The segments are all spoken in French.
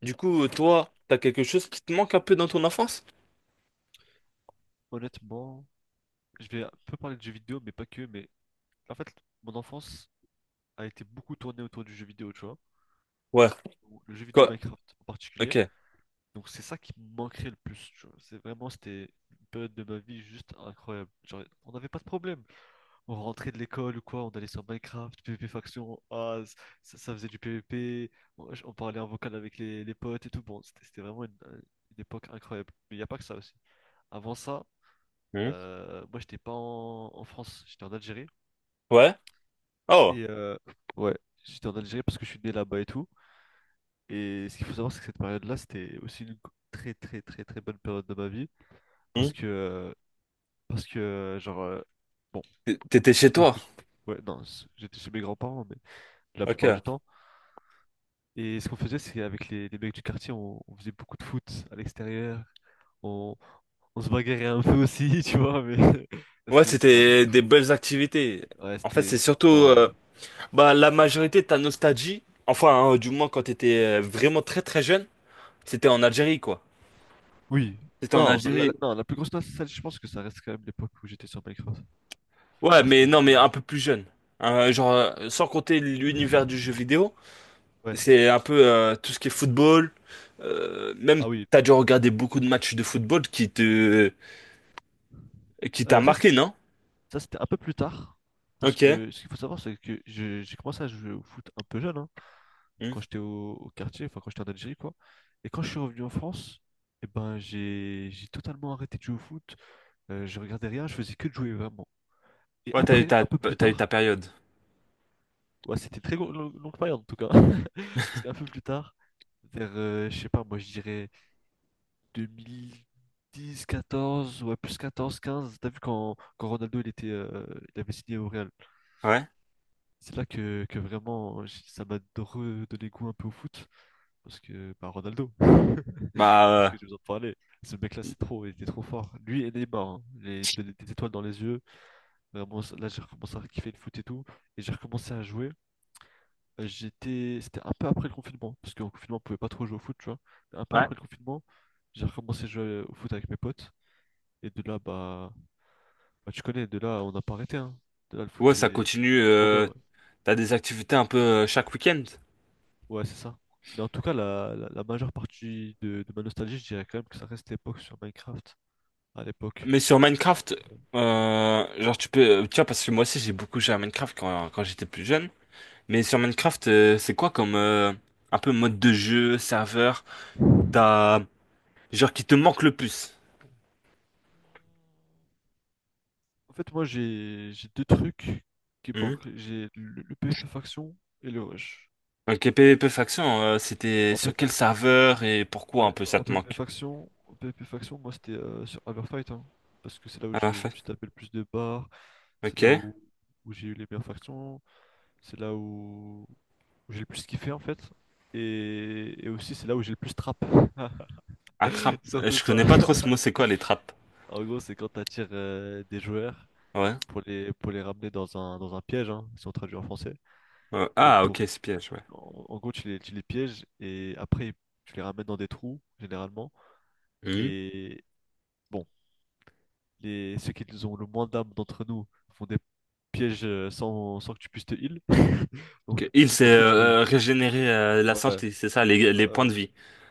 Du coup, toi, t'as quelque chose qui te manque un peu dans ton enfance? Honnêtement, je vais un peu parler de jeux vidéo, mais pas que. Mais en fait, mon enfance a été beaucoup tournée autour du jeu vidéo, tu vois. Ouais. Ou le jeu vidéo Quoi? Minecraft en particulier. Ok. Donc c'est ça qui me manquerait le plus, tu vois. C'est vraiment, c'était une période de ma vie juste incroyable. Genre, on n'avait pas de problème. On rentrait de l'école ou quoi, on allait sur Minecraft, PvP Faction, ah, ça faisait du PvP. On parlait en vocal avec les potes et tout. Bon, c'était vraiment une époque incroyable. Mais il n'y a pas que ça aussi. Avant ça, Hmm. Moi, j'étais pas en France, j'étais en Algérie. Ouais. Oh. Et ouais, j'étais en Algérie parce que je suis né là-bas et tout. Et ce qu'il faut savoir, c'est que cette période-là, c'était aussi une très très très très bonne période de ma vie. Hmm. Parce que, euh, parce que euh, genre, euh, bon, T'étais parce chez que, parce toi. que- ouais, non, j'étais chez mes grands-parents, mais la plupart du Ok. temps. Et ce qu'on faisait, c'est avec les mecs du quartier, on faisait beaucoup de foot à l'extérieur. On, on se bagarrait un peu aussi, tu vois, mais Ouais, c'était un truc c'était de des fou. belles activités. Ouais, En fait, c'était. c'est c'était- surtout Non. Bah, la majorité de ta nostalgie. Enfin, hein, du moins quand t'étais vraiment très très jeune, c'était en Algérie, quoi. Oui. C'était en Non, bah, Algérie. non, la plus grosse salle, je pense que ça reste quand même l'époque où j'étais sur Minecraft. Ouais, Ah, mais c'était non, mais un vraiment. peu plus jeune. Hein, genre, sans compter l'univers du jeu vidéo. Ouais. C'est un peu tout ce qui est football. Même, Ah oui. t'as dû regarder beaucoup de matchs de football qui te, qui t'a Euh, ça, c'était marqué, non? ça, c'était un peu plus tard. Parce Ok. que ce qu'il faut savoir, c'est que j'ai commencé à jouer au foot un peu jeune, hein, Hmm. quand j'étais au quartier, enfin quand j'étais en Algérie, quoi. Et quand je suis revenu en France, eh ben, j'ai totalement arrêté de jouer au foot. Je regardais rien, je faisais que de jouer vraiment. Et Ouais, après, un peu plus t'as eu ta tard, période. ouais, c'était très longue période en tout cas. Parce qu'un peu plus tard, vers, je sais pas, moi je dirais, deux mille dix quatorze, ouais, plus 14 quinze. T'as vu quand Ronaldo il avait signé au Real. Ouais. C'est là que vraiment ça m'a redonné goût un peu au foot. Parce que, bah, Ronaldo, parce que Bah, je vous en parler. Ce mec-là, euh, c'est trop, il était trop fort. Lui et Neymar, hein. Il des étoiles dans les yeux. Vraiment, là, j'ai recommencé à kiffer le foot et tout. Et j'ai recommencé à jouer. C'était un peu après le confinement, parce qu'en confinement, on pouvait pas trop jouer au foot, tu vois. Un peu ouais. après le confinement, j'ai recommencé à jouer au foot avec mes potes. Et de là, bah, tu connais, de là, on n'a pas arrêté, hein. De là, le foot, Ouais, ça c'est continue. c'est trop bien, ouais. T'as des activités un peu chaque week-end. Ouais, c'est ça. Mais en tout cas, la majeure partie de ma nostalgie, je dirais quand même que ça reste l'époque sur Minecraft, à l'époque. Mais sur Minecraft, genre tu peux, tu vois, parce que moi aussi j'ai beaucoup joué à Minecraft quand j'étais plus jeune. Mais sur Minecraft, c'est quoi comme un peu mode de jeu, serveur, t'as genre qui te manque le plus? En fait, moi, j'ai deux trucs qui me Hmm. manquent. J'ai le PvP faction et le rush. Ok, PvP faction, c'était En, sur P- quel serveur et pourquoi un ouais, peu ça en te PvP manque? faction, en PvP faction, moi, c'était sur Everfight, hein, parce que c'est là où Ah, je me parfait. suis tapé le plus de barres, c'est Ok. là où j'ai eu les meilleures factions. C'est là où j'ai le plus kiffé en fait. Et aussi c'est là où j'ai le plus trap. Attrape. Surtout Je ça. connais pas trop ce mot, c'est quoi les trappes? En gros, c'est quand t'attires des joueurs Ouais. pour les ramener dans un piège, hein, si on traduit en français. Et Ah, pour, ok, c'est piège, ouais. en gros, tu les pièges et après, tu les ramènes dans des trous, généralement. Hmm. Et bon, ceux qui ont le moins d'âme d'entre nous font des pièges sans que tu puisses te heal. Donc Ok. tu Il tombes s'est dans le trou, tu peux. Régénéré la Ouais, ouais, santé, c'est ça, les ouais. points Ouais. de vie.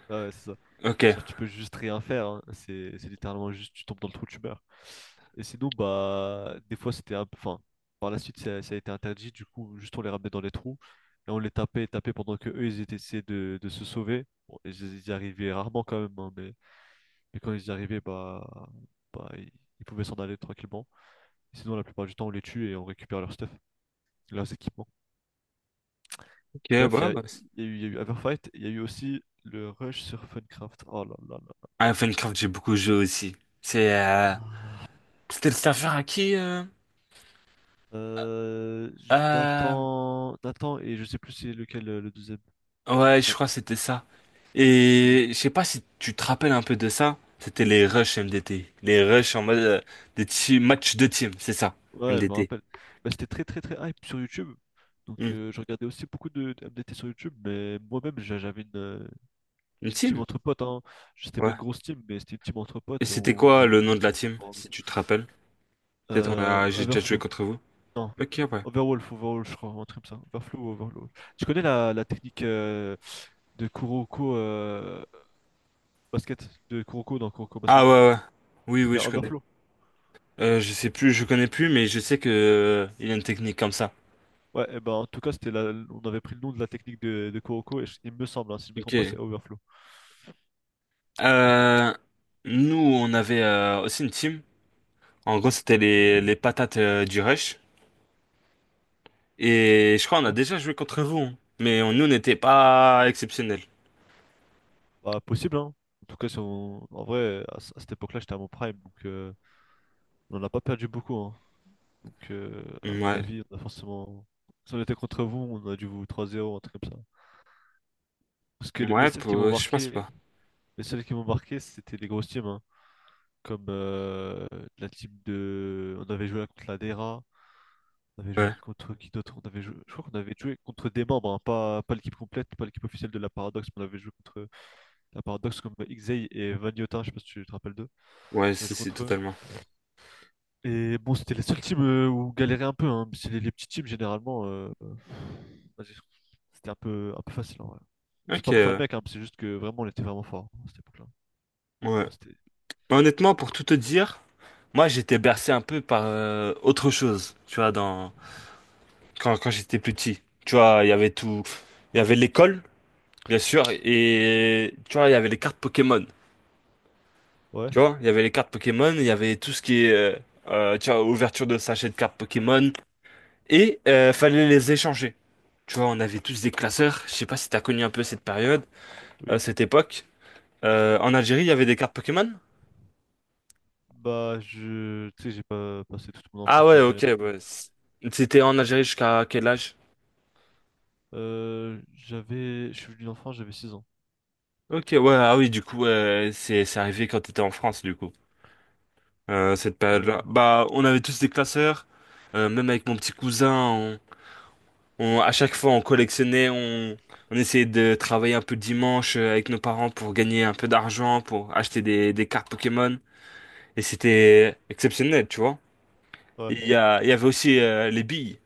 Ah ouais, c'est ça. Ok. Genre, tu peux juste rien faire, hein. C'est littéralement juste, tu tombes dans le trou, tu meurs. Et sinon, bah, des fois, c'était un peu. Enfin, par la suite, ça a été interdit. Du coup, juste on les ramenait dans les trous et on les tapait, tapait pendant que eux, ils étaient essayés de se sauver. Bon, ils y arrivaient rarement quand même, hein, mais quand ils y arrivaient, bah ils pouvaient s'en aller tranquillement. Sinon, la plupart du temps, on les tue et on récupère leur stuff, leurs équipements. Ok, ouais, Bref, bah, il y a eu, il y a eu Everfight, il y a eu aussi le rush sur Funcraft. Oh là là Ah, Minecraft, j'ai beaucoup joué aussi. C'est, là. c'était le serveur à qui? Euh, Nathan et je sais plus c'est lequel le deuxième. Ouais, je Ah, crois que c'était ça. mais- Et je sais pas si tu te rappelles un peu de ça. C'était les rushs MDT. Les rushs en mode matchs de team, c'est ça, ouais, je me MDT. rappelle. Bah, c'était très très très hype sur YouTube. Donc Hmm. Je regardais aussi beaucoup de MDT sur YouTube, mais moi-même j'avais une, euh, Une une team team? entre potes, hein. C'était pas Ouais. une grosse team, mais c'était une team entre Et potes et c'était on faisait quoi des le matchs nom de de la team. team, si tu te rappelles? Peut-être on a... j'ai déjà joué Overflow. contre vous. Non. Ok, ouais. Overwolf, Overwolf, je crois, un truc comme ça. Overflow, ou Overwolf. Tu connais la technique de Kuroko basket, de Kuroko dans Kuroko Ah basket? ouais, ouais. Oui, C'est oui, bien je connais. Overflow. Je sais plus, je connais plus, mais je sais que il y a une technique comme ça. Ouais, eh ben, en tout cas, on avait pris le nom de la technique de Kuroko, et il me semble, hein, si je ne me trompe pas, c'est Ok. Overflow. Ok. Euh, Nous, on avait aussi une team. En gros, c'était les patates du rush. Et je crois on a Ouais. déjà joué contre vous, hein. Mais nous, on n'était pas exceptionnels. Bah, possible, hein. En tout cas, si on- en vrai, à cette époque-là, j'étais à mon prime, donc on n'a pas perdu beaucoup, hein. Donc, à mon Ouais. avis, on a forcément. Si on était contre vous, on a dû vous 3-0, un truc comme ça. Parce que les seules qui m'ont Je pense marqué, pas. les seules qui m'ont marqué, c'était les grosses teams, hein. Comme la team de. on avait joué contre la DERA. On avait joué Ouais. contre qui d'autre? On avait joué. Je crois qu'on avait joué contre des membres, hein, pas l'équipe complète, pas l'équipe officielle de la Paradox, mais on avait joué contre la Paradox comme Xey et Vagnotin, je sais pas si tu te rappelles d'eux. Ouais, On avait c'est joué si, contre eux. totalement. Et bon, c'était la seule team où on galérait un peu, hein. Mais c'est les petits teams généralement. Vas-y. C'était un peu facile en vrai. C'est Ok, pas pour faire le ouais. mec, hein, c'est juste que vraiment on était vraiment fort à cette époque-là. Ah, Ouais. c'était. Honnêtement, pour tout te dire, moi, j'étais bercé un peu par autre chose, tu vois, dans... quand j'étais plus petit. Tu vois, il y avait tout... Il y avait l'école, bien sûr, et tu vois, il y avait les cartes Pokémon. Ouais, Tu vois, il y avait les cartes Pokémon, il y avait tout ce qui est, tu vois, ouverture de sachets de cartes Pokémon, et fallait les échanger. Tu vois, on avait tous des classeurs. Je sais pas si t'as connu un peu cette période, oui. cette époque. En Algérie, il y avait des cartes Pokémon? Bah, je, tu sais, j'ai pas passé toute mon Ah enfance en ouais, Algérie ok, non plus. ouais. C'était en Algérie jusqu'à quel âge? Je suis venu en France, j'avais 6 ans. Ok, ouais, ah oui, du coup, c'est arrivé quand t'étais en France, du coup. Cette Ouais, période-là. ouais. Bah, on avait tous des classeurs. Même avec mon petit cousin, à chaque fois, on collectionnait, on essayait de travailler un peu le dimanche avec nos parents pour gagner un peu d'argent, pour acheter des cartes Pokémon. Et c'était exceptionnel, tu vois. Ouais, Il y avait aussi les billes.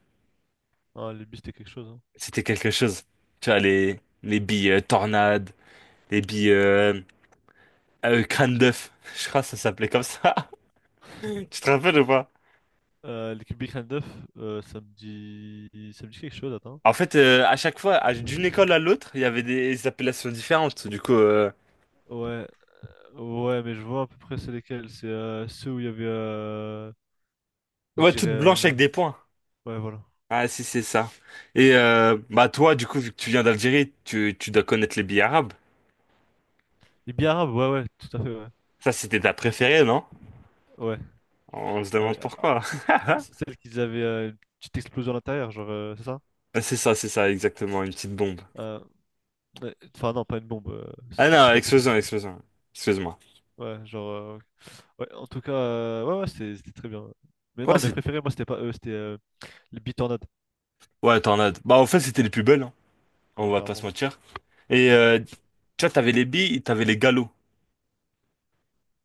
non, les bus, c'était quelque chose, hein. C'était quelque chose. Tu vois, les billes tornades, les billes crâne d'œuf. Je crois que ça s'appelait comme ça. Tu te rappelles ou pas? L'équipe Big 9 euh, ça me dit... ça me dit quelque chose, attends. En fait, à chaque fois, d'une école à l'autre, il y avait des appellations différentes. Du coup, Ouais, ouais, mais je vois à peu près c'est lesquels. C'est ceux où il y avait, on ouais, dirait. toutes blanches avec des points. Ouais, voilà. Ah, si, c'est ça. Et bah toi, du coup, vu que tu viens d'Algérie, tu dois connaître les billes arabes. Les billes arabes, ouais, ouais, tout à fait, ouais. Ça, c'était ta préférée, non? Ouais, On se demande avec- euh, pourquoi. c'est celle qu'ils avaient une petite explosion à l'intérieur, genre, c'est ça? C'est ça, exactement, une petite bombe. Euh, ouais. Enfin, non, pas une bombe, Ah c'est non, pas possible. explosion, explosion. Excuse-moi. Ouais, ouais, en tout cas, ouais, ouais, c'était très bien. Mais non, Ouais, mes c'est... préférés, moi, c'était pas eux, c'était les bitornades, Ouais, tornade. Bah, en fait, c'était les plus belles, hein. On quoi, va pas se clairement. mentir. Et, tu vois, t'avais les billes, t'avais les galops.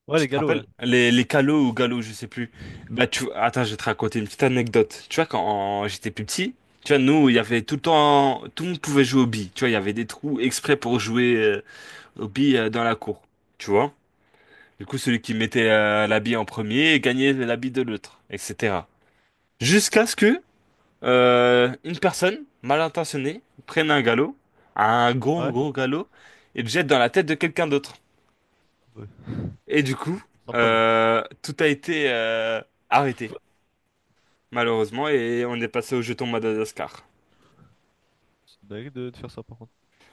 Ouais, Tu les te galops, rappelles? ouais. Les calots ou galops, je sais plus. Bah, tu... Attends, je vais te raconter une petite anecdote. Tu vois, quand j'étais plus petit, tu vois, nous, il y avait tout le temps... Tout le monde pouvait jouer aux billes. Tu vois, il y avait des trous exprès pour jouer aux billes dans la cour. Tu vois? Du coup, celui qui mettait la bille en premier gagnait la bille de l'autre, etc. Jusqu'à ce que une personne mal intentionnée prenne un galop, un gros Ouais. gros galop, et le jette dans la tête de quelqu'un d'autre. Ouais. Et du coup, Sympa lui. Tout a été arrêté, malheureusement, et on est passé au jeton Madagascar. C'est une dinguerie de faire ça par contre.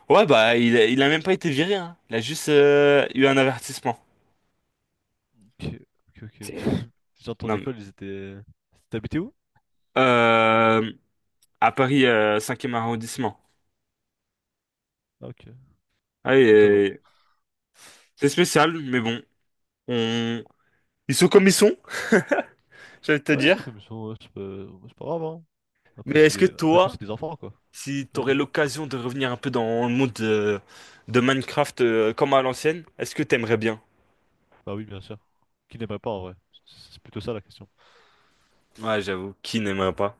Ouais, bah, il a même pas été viré, hein. Il a juste eu un avertissement. Ok, ok, ok. C'est... Les gens de ton Non, mais... école, ils étaient. T'habitais où? Euh, à Paris, 5e arrondissement. Ah, ok. Ouais, Étonnant. et- c'est spécial, mais bon. On... Ils sont comme ils sont, j'allais te Ouais, ils sont dire. comme ils sont, ouais, c'est pas grave, hein. Après, Mais est-ce que Après tout, toi... c'est des enfants, quoi. Si tu Ouais, aurais dis-moi. l'occasion de revenir un peu dans le monde de Minecraft comme à l'ancienne, est-ce que t'aimerais bien? Bah oui, bien sûr. Qui n'aimerait pas en vrai? C'est plutôt ça la question. Ouais, j'avoue, qui n'aimerait pas?